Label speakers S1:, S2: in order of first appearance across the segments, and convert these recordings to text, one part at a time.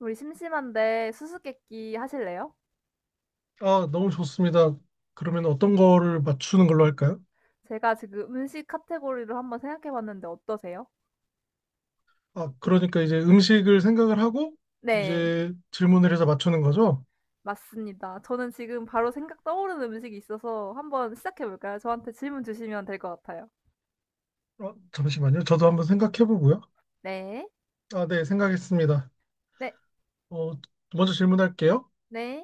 S1: 우리 심심한데 수수께끼 하실래요?
S2: 아, 너무 좋습니다. 그러면 어떤 거를 맞추는 걸로 할까요?
S1: 제가 지금 음식 카테고리를 한번 생각해봤는데 어떠세요?
S2: 아, 그러니까 이제 음식을 생각을 하고
S1: 네,
S2: 이제 질문을 해서 맞추는 거죠?
S1: 맞습니다. 저는 지금 바로 생각 떠오르는 음식이 있어서 한번 시작해볼까요? 저한테 질문 주시면 될 것 같아요.
S2: 잠시만요. 저도 한번 생각해 보고요.
S1: 네,
S2: 아, 네, 생각했습니다.
S1: 네,
S2: 어, 먼저 질문할게요.
S1: 네,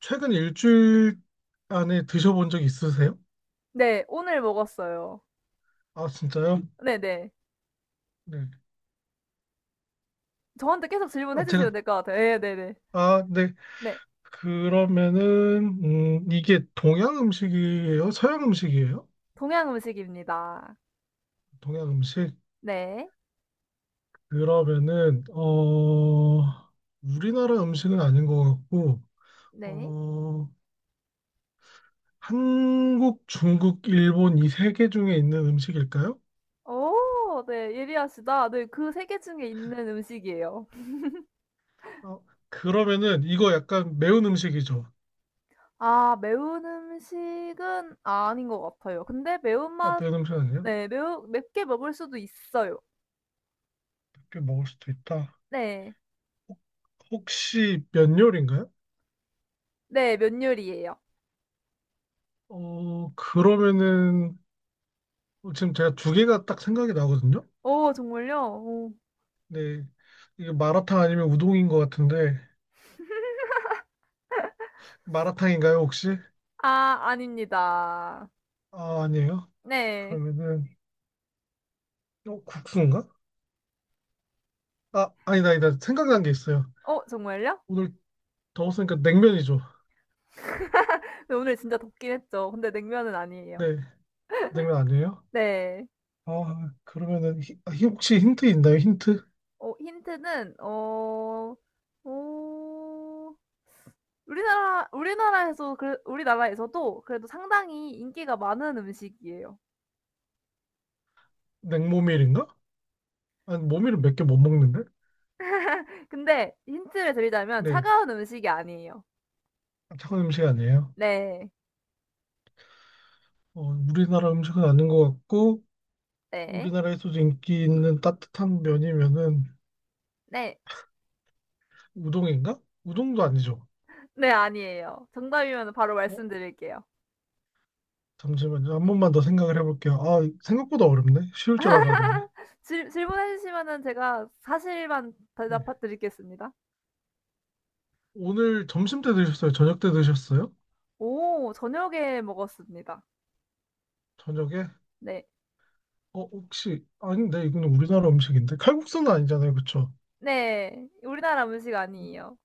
S2: 최근 일주일 안에 드셔본 적 있으세요?
S1: 네, 오늘 먹었어요.
S2: 아, 진짜요?
S1: 네, 네.
S2: 네.
S1: 저한테 계속
S2: 아, 제가,
S1: 질문해주시면 될 것 같아요. 네, 네, 네.
S2: 아, 네.
S1: 네,
S2: 그러면은, 이게 동양 음식이에요? 서양 음식이에요?
S1: 동양 음식입니다.
S2: 동양 음식?
S1: 네,
S2: 그러면은 우리나라 음식은 아닌 것 같고
S1: 네.
S2: 어 한국, 중국, 일본 이 세 개 중에 있는 음식일까요?
S1: 오, 네, 예리하시다. 네, 그 세 개 중에 있는 음식이에요.
S2: 어 그러면은 이거 약간 매운 음식이죠?
S1: 아 매운 음식은 아닌 것 같아요. 근데
S2: 아,
S1: 매운맛
S2: 매운 음식 아니에요?
S1: 네 매우 맵게 먹을 수도 있어요.
S2: 몇개 먹을 수도 있다.
S1: 네.
S2: 혹- 혹시 면 요리인가요?
S1: 네 면 요리예요.
S2: 그러면은 지금 제가 두 개가 딱 생각이 나거든요.
S1: 오 정말요? 오.
S2: 네. 이게 마라탕 아니면 우동인 것 같은데 마라탕인가요 혹시?
S1: 아 아닙니다.
S2: 아, 아니에요.
S1: 네.
S2: 그러면은 국수인가? 아, 아니다, 아니다. 생각난 게 있어요.
S1: 어 정말요?
S2: 오늘 더웠으니까 냉면이죠.
S1: 근데 오늘 진짜 덥긴 했죠. 근데 냉면은 아니에요.
S2: 네, 냉면 아니에요?
S1: 네.
S2: 아, 그러면은 혹시 힌트 있나요? 힌트?
S1: 어 힌트는 어 우리나라 우리나라에서 그 우리나라에서도 그래도 상당히 인기가 많은 음식이에요.
S2: 냉모밀인가? 아니, 모밀은 몇 개 못 먹는데?
S1: 근데 힌트를 드리자면
S2: 네,
S1: 차가운 음식이 아니에요.
S2: 차가운 음식 아니에요.
S1: 네.
S2: 어, 우리나라 음식은 아닌 것 같고,
S1: 네.
S2: 우리나라에서도 인기 있는 따뜻한 면이면은
S1: 네.
S2: 우동인가? 우동도 아니죠.
S1: 네, 아니에요. 정답이면 바로
S2: 어,
S1: 말씀드릴게요.
S2: 잠시만요. 한 번만 더 생각을 해볼게요. 아, 생각보다 어렵네. 쉬울 줄 알았는데.
S1: 질 질문해 주시면은 제가 사실만
S2: 네.
S1: 대답해 드리겠습니다.
S2: 오늘 점심 때 드셨어요? 저녁 때 드셨어요?
S1: 오, 저녁에 먹었습니다.
S2: 저녁에?
S1: 네.
S2: 혹시, 아닌데, 이거는 우리나라 음식인데? 칼국수는 아니잖아요, 그쵸?
S1: 네. 우리나라 음식 아니에요.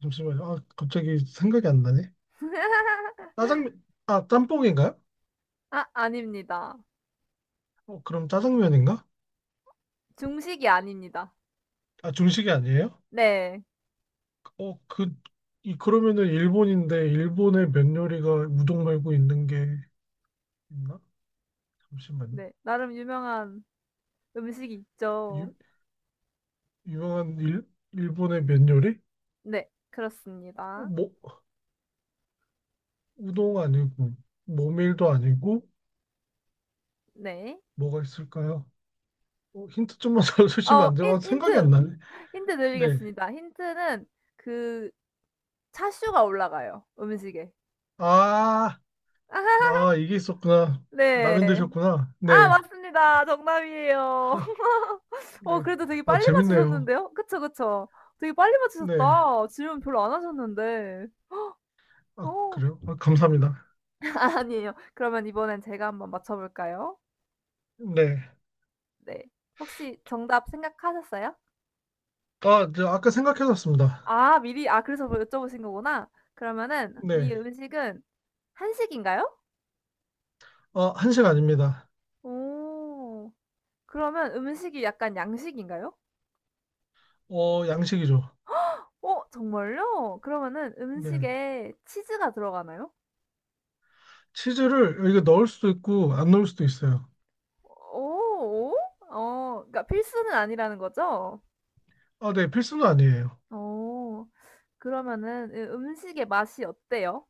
S2: 잠시만요. 아, 갑자기 생각이 안 나네. 짜장면, 아, 짬뽕인가요?
S1: 아, 아닙니다.
S2: 그럼 짜장면인가?
S1: 중식이 아닙니다.
S2: 아, 중식이 아니에요?
S1: 네.
S2: 어, 그, 그러면은 일본인데, 일본의 면 요리가 우동 말고 있는 게 있나? 잠시만요.
S1: 네. 나름 유명한 음식이 있죠.
S2: 유, 유명한 일본의 면 요리?
S1: 네.
S2: 어,
S1: 그렇습니다.
S2: 뭐, 우동 아니고, 모밀도 아니고,
S1: 네.
S2: 뭐가 있을까요? 어, 힌트 좀만 더 주시면
S1: 어
S2: 안 돼요?
S1: 힌
S2: 아, 생각이 안
S1: 힌트.
S2: 나네.
S1: 힌트
S2: 네.
S1: 드리겠습니다. 힌트는 그 차슈가 올라가요, 음식에.
S2: 아, 나 이게 있었구나.
S1: 네.
S2: 라면 드셨구나.
S1: 아
S2: 네,
S1: 맞습니다. 정답이에요. 어
S2: 네.
S1: 그래도 되게
S2: 아,
S1: 빨리
S2: 재밌네요.
S1: 맞추셨는데요? 그쵸, 그쵸. 되게 빨리
S2: 네.
S1: 맞추셨다. 질문 별로 안 하셨는데.
S2: 아,
S1: 어.
S2: 그래요? 아, 감사합니다.
S1: 아니에요. 그러면 이번엔 제가 한번 맞춰볼까요?
S2: 네.
S1: 네. 혹시 정답 생각하셨어요?
S2: 아, 저 아까 생각해놨습니다.
S1: 아 미리, 아 그래서 뭐 여쭤보신 거구나. 그러면은 이
S2: 네.
S1: 음식은 한식인가요?
S2: 아, 한식 아닙니다.
S1: 오... 그러면 음식이 약간 양식인가요?
S2: 어, 양식이죠.
S1: 어 정말요? 그러면은
S2: 네.
S1: 음식에 치즈가 들어가나요?
S2: 치즈를 여기 넣을 수도 있고, 안 넣을 수도 있어요.
S1: 오 오? 어 그러니까 필수는 아니라는 거죠?
S2: 아, 네. 필수는 아니에요.
S1: 어. 그러면은 음식의 맛이 어때요?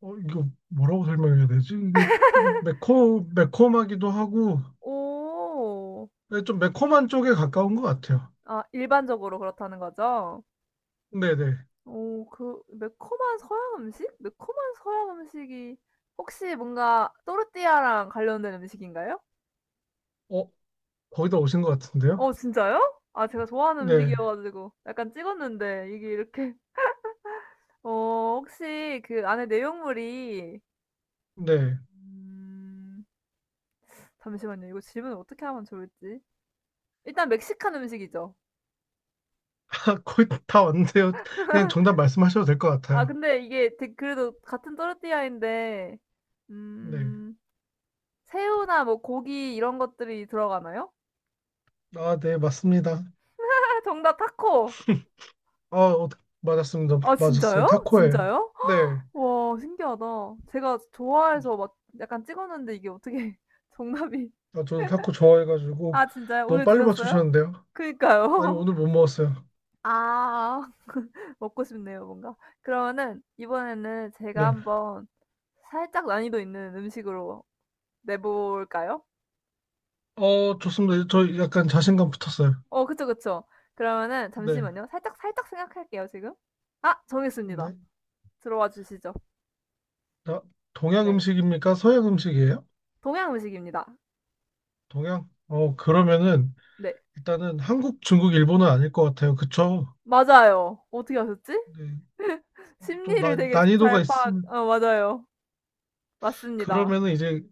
S2: 어, 이거 뭐라고 설명해야 되지? 이게 좀 매콤하기도 하고,
S1: 오.
S2: 네, 좀 매콤한 쪽에 가까운 것 같아요.
S1: 아 일반적으로 그렇다는 거죠?
S2: 네네.
S1: 오 그 매콤한 서양 음식? 매콤한 서양 음식이 혹시 뭔가 또르띠아랑 관련된 음식인가요?
S2: 어, 거기다 오신 것 같은데요?
S1: 어 진짜요? 아 제가 좋아하는 음식이어
S2: 네.
S1: 가지고 약간 찍었는데 이게 이렇게 어 혹시 그 안에 내용물이
S2: 네.
S1: 음 잠시만요. 이거 질문을 어떻게 하면 좋을지. 일단 멕시칸 음식이죠.
S2: 거의 다 왔는데요. 그냥 정답 말씀하셔도 될 것
S1: 아
S2: 같아요.
S1: 근데 이게 되 그래도 같은 또르띠아인데
S2: 네.
S1: 음 새우나 뭐 고기 이런 것들이 들어가나요?
S2: 아, 네, 맞습니다.
S1: 아 정답 타코.
S2: 아, 어, 맞았습니다.
S1: 아
S2: 맞았어요.
S1: 진짜요?
S2: 타코예요.
S1: 진짜요?
S2: 네.
S1: 와 신기하다. 제가 좋아해서 막 약간 찍었는데 이게 어떻게 정답이
S2: 아, 저도 타코 좋아해가지고
S1: 아 진짜요?
S2: 너무
S1: 오늘
S2: 빨리
S1: 드셨어요?
S2: 맞추셨는데요. 아니,
S1: 그니까요.
S2: 오늘 못 먹었어요.
S1: 아. 먹고 싶네요 뭔가. 그러면은 이번에는 제가
S2: 네.
S1: 한번 살짝 난이도 있는 음식으로 내볼까요?
S2: 어, 좋습니다. 저 약간 자신감 붙었어요.
S1: 어 그쵸, 그쵸. 그러면은
S2: 네.
S1: 잠시만요. 살짝 살짝 생각할게요 지금. 아 정했습니다.
S2: 네.
S1: 들어와 주시죠.
S2: 아, 동양
S1: 네.
S2: 음식입니까? 서양 음식이에요?
S1: 동양 음식입니다.
S2: 동양? 그러면은
S1: 네.
S2: 일단은 한국, 중국, 일본은 아닐 것 같아요. 그쵸?
S1: 맞아요. 어떻게 아셨지?
S2: 네. 좀
S1: 심리를
S2: 난,
S1: 되게 잘
S2: 난이도가
S1: 파악
S2: 있음.
S1: 어 맞아요. 맞습니다.
S2: 그러면은 이제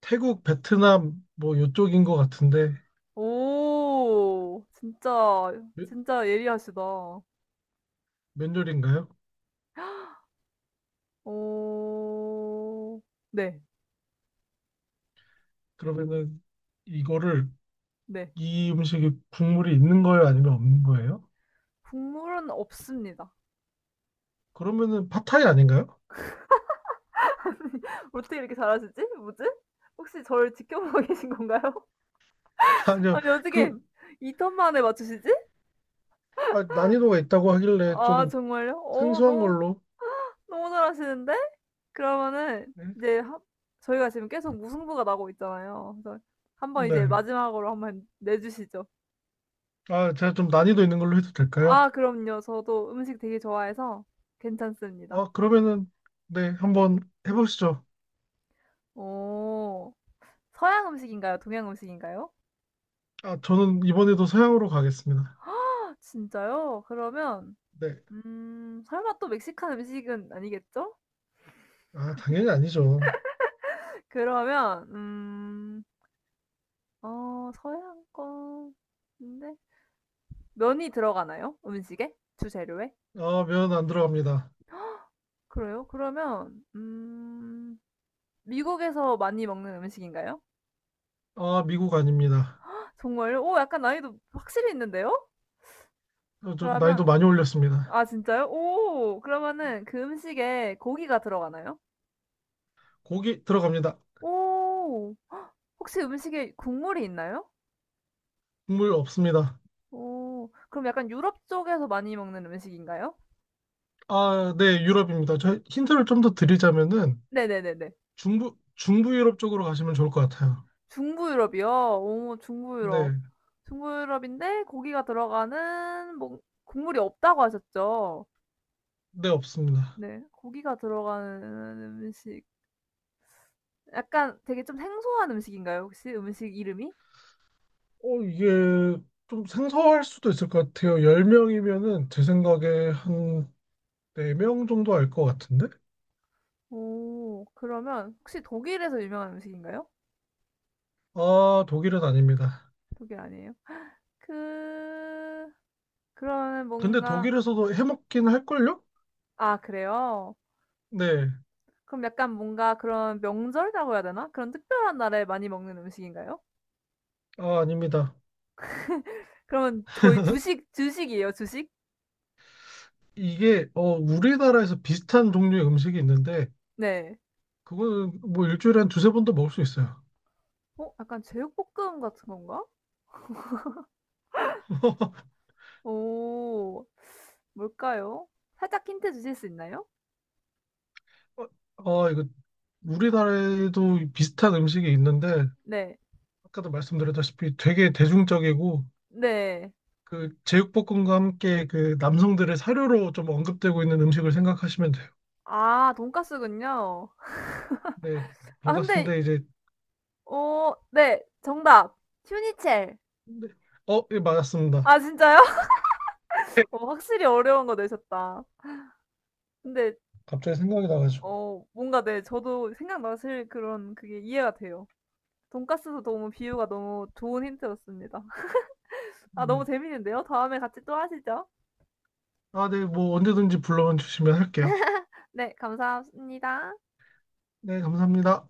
S2: 태국, 베트남 뭐 요쪽인 것 같은데
S1: 오. 진짜
S2: 면-
S1: 진짜 예리하시다.
S2: 면요리인가요?
S1: 어. 네.
S2: 그러면은 이거를
S1: 네.
S2: 이 음식이 국물이 있는 거예요? 아니면 없는 거예요?
S1: 국물은 없습니다.
S2: 그러면은 팟타이 아닌가요?
S1: 어떻게 이렇게 잘하시지 뭐지? 혹시 저를 지켜보고 계신 건가요?
S2: 아니요.
S1: 아니 어떻게
S2: 그
S1: 2턴 만에 맞추시지?
S2: 아, 난이도가 있다고 하길래
S1: 아
S2: 좀
S1: 정말요? 어
S2: 생소한
S1: 너무
S2: 걸로.
S1: 너무 잘하시는데? 그러면은
S2: 네.
S1: 이제 하 저희가 지금 계속 무승부가 나고 있잖아요. 그래서 한번 이제
S2: 네.
S1: 마지막으로 한번 내 주시죠.
S2: 아, 제가 좀 난이도 있는 걸로 해도 될까요?
S1: 아 그럼요. 저도 음식 되게 좋아해서 괜찮습니다.
S2: 아, 그러면은 네, 한번 해보시죠.
S1: 오... 서양 음식인가요? 동양 음식인가요?
S2: 아, 저는 이번에도 서양으로 가겠습니다.
S1: 진짜요? 그러면
S2: 네.
S1: 설마 또 멕시칸 음식은 아니겠죠?
S2: 아, 당연히 아니죠.
S1: 그러면 서양 건데 면이 들어가나요? 음식에? 주재료에?
S2: 아, 면 안 들어갑니다.
S1: 그래요? 그러면 미국에서 많이 먹는 음식인가요?
S2: 아, 미국 아닙니다.
S1: 정말요? 오 약간 난이도 확실히 있는데요?
S2: 어, 좀 난이도
S1: 그러면
S2: 많이 올렸습니다.
S1: 아 진짜요? 오 그러면은 그 음식에 고기가 들어가나요?
S2: 고기 들어갑니다.
S1: 오 혹시 음식에 국물이 있나요?
S2: 국물 없습니다.
S1: 오. 그럼 약간 유럽 쪽에서 많이 먹는 음식인가요?
S2: 아, 네, 유럽입니다. 저 힌트를 좀 더 드리자면은
S1: 네네네네.
S2: 중부 유럽 쪽으로 가시면 좋을 것 같아요.
S1: 중부 유럽이요? 오 중부
S2: 네,
S1: 유럽. 중부 유럽인데 고기가 들어가는 뭔 국물이 없다고 하셨죠?
S2: 네, 없습니다.
S1: 네. 고기가 들어가는 음식. 약간 되게 좀 생소한 음식인가요, 혹시 음식 이름이?
S2: 어, 이게 좀 생소할 수도 있을 것 같아요. 10명이면은 제 생각에 한 4명 정도 알 것 같은데?
S1: 오. 그러면 혹시 독일에서 유명한 음식인가요?
S2: 아, 독일은 아닙니다.
S1: 독일 아니에요? 그 그러면
S2: 근데
S1: 뭔가
S2: 독일에서도 해먹긴 할걸요?
S1: 아 그래요?
S2: 네,
S1: 그럼 약간 뭔가 그런 명절이라고 해야 되나? 그런 특별한 날에 많이 먹는 음식인가요?
S2: 아, 아닙니다.
S1: 그러면 거의 주식이에요, 주식?
S2: 이게 우리나라에서 비슷한 종류의 음식이 있는데
S1: 네.
S2: 그거는 뭐 일주일에 한 두세 번도 먹을 수 있어요.
S1: 어 약간 제육볶음 같은 건가? 오. 뭘까요? 살짝 힌트 주실 수 있나요?
S2: 어 이거
S1: 사
S2: 우리나라에도 비슷한 음식이 있는데
S1: 네.
S2: 아까도 말씀드렸다시피 되게 대중적이고
S1: 네.
S2: 그 제육볶음과 함께 그 남성들의 사료로 좀 언급되고 있는 음식을 생각하시면 돼요.
S1: 아 돈까스군요.
S2: 네,
S1: 아 근데
S2: 돈가스인데 이제
S1: 어 네. 정답. 튜니첼
S2: 네. 맞았습니다.
S1: 아 진짜요?
S2: 네.
S1: 어 확실히 어려운 거 내셨다. 근데
S2: 갑자기 생각이 나가지고.
S1: 어 뭔가 네 저도 생각나실 그런 그게 이해가 돼요. 돈가스도 너무 비유가 너무 좋은 힌트였습니다. 아,
S2: 네.
S1: 너무 재밌는데요? 다음에 같이 또 하시죠.
S2: 아, 네, 뭐 언제든지 불러 주시면 할게요.
S1: 네, 감사합니다.
S2: 네, 감사합니다.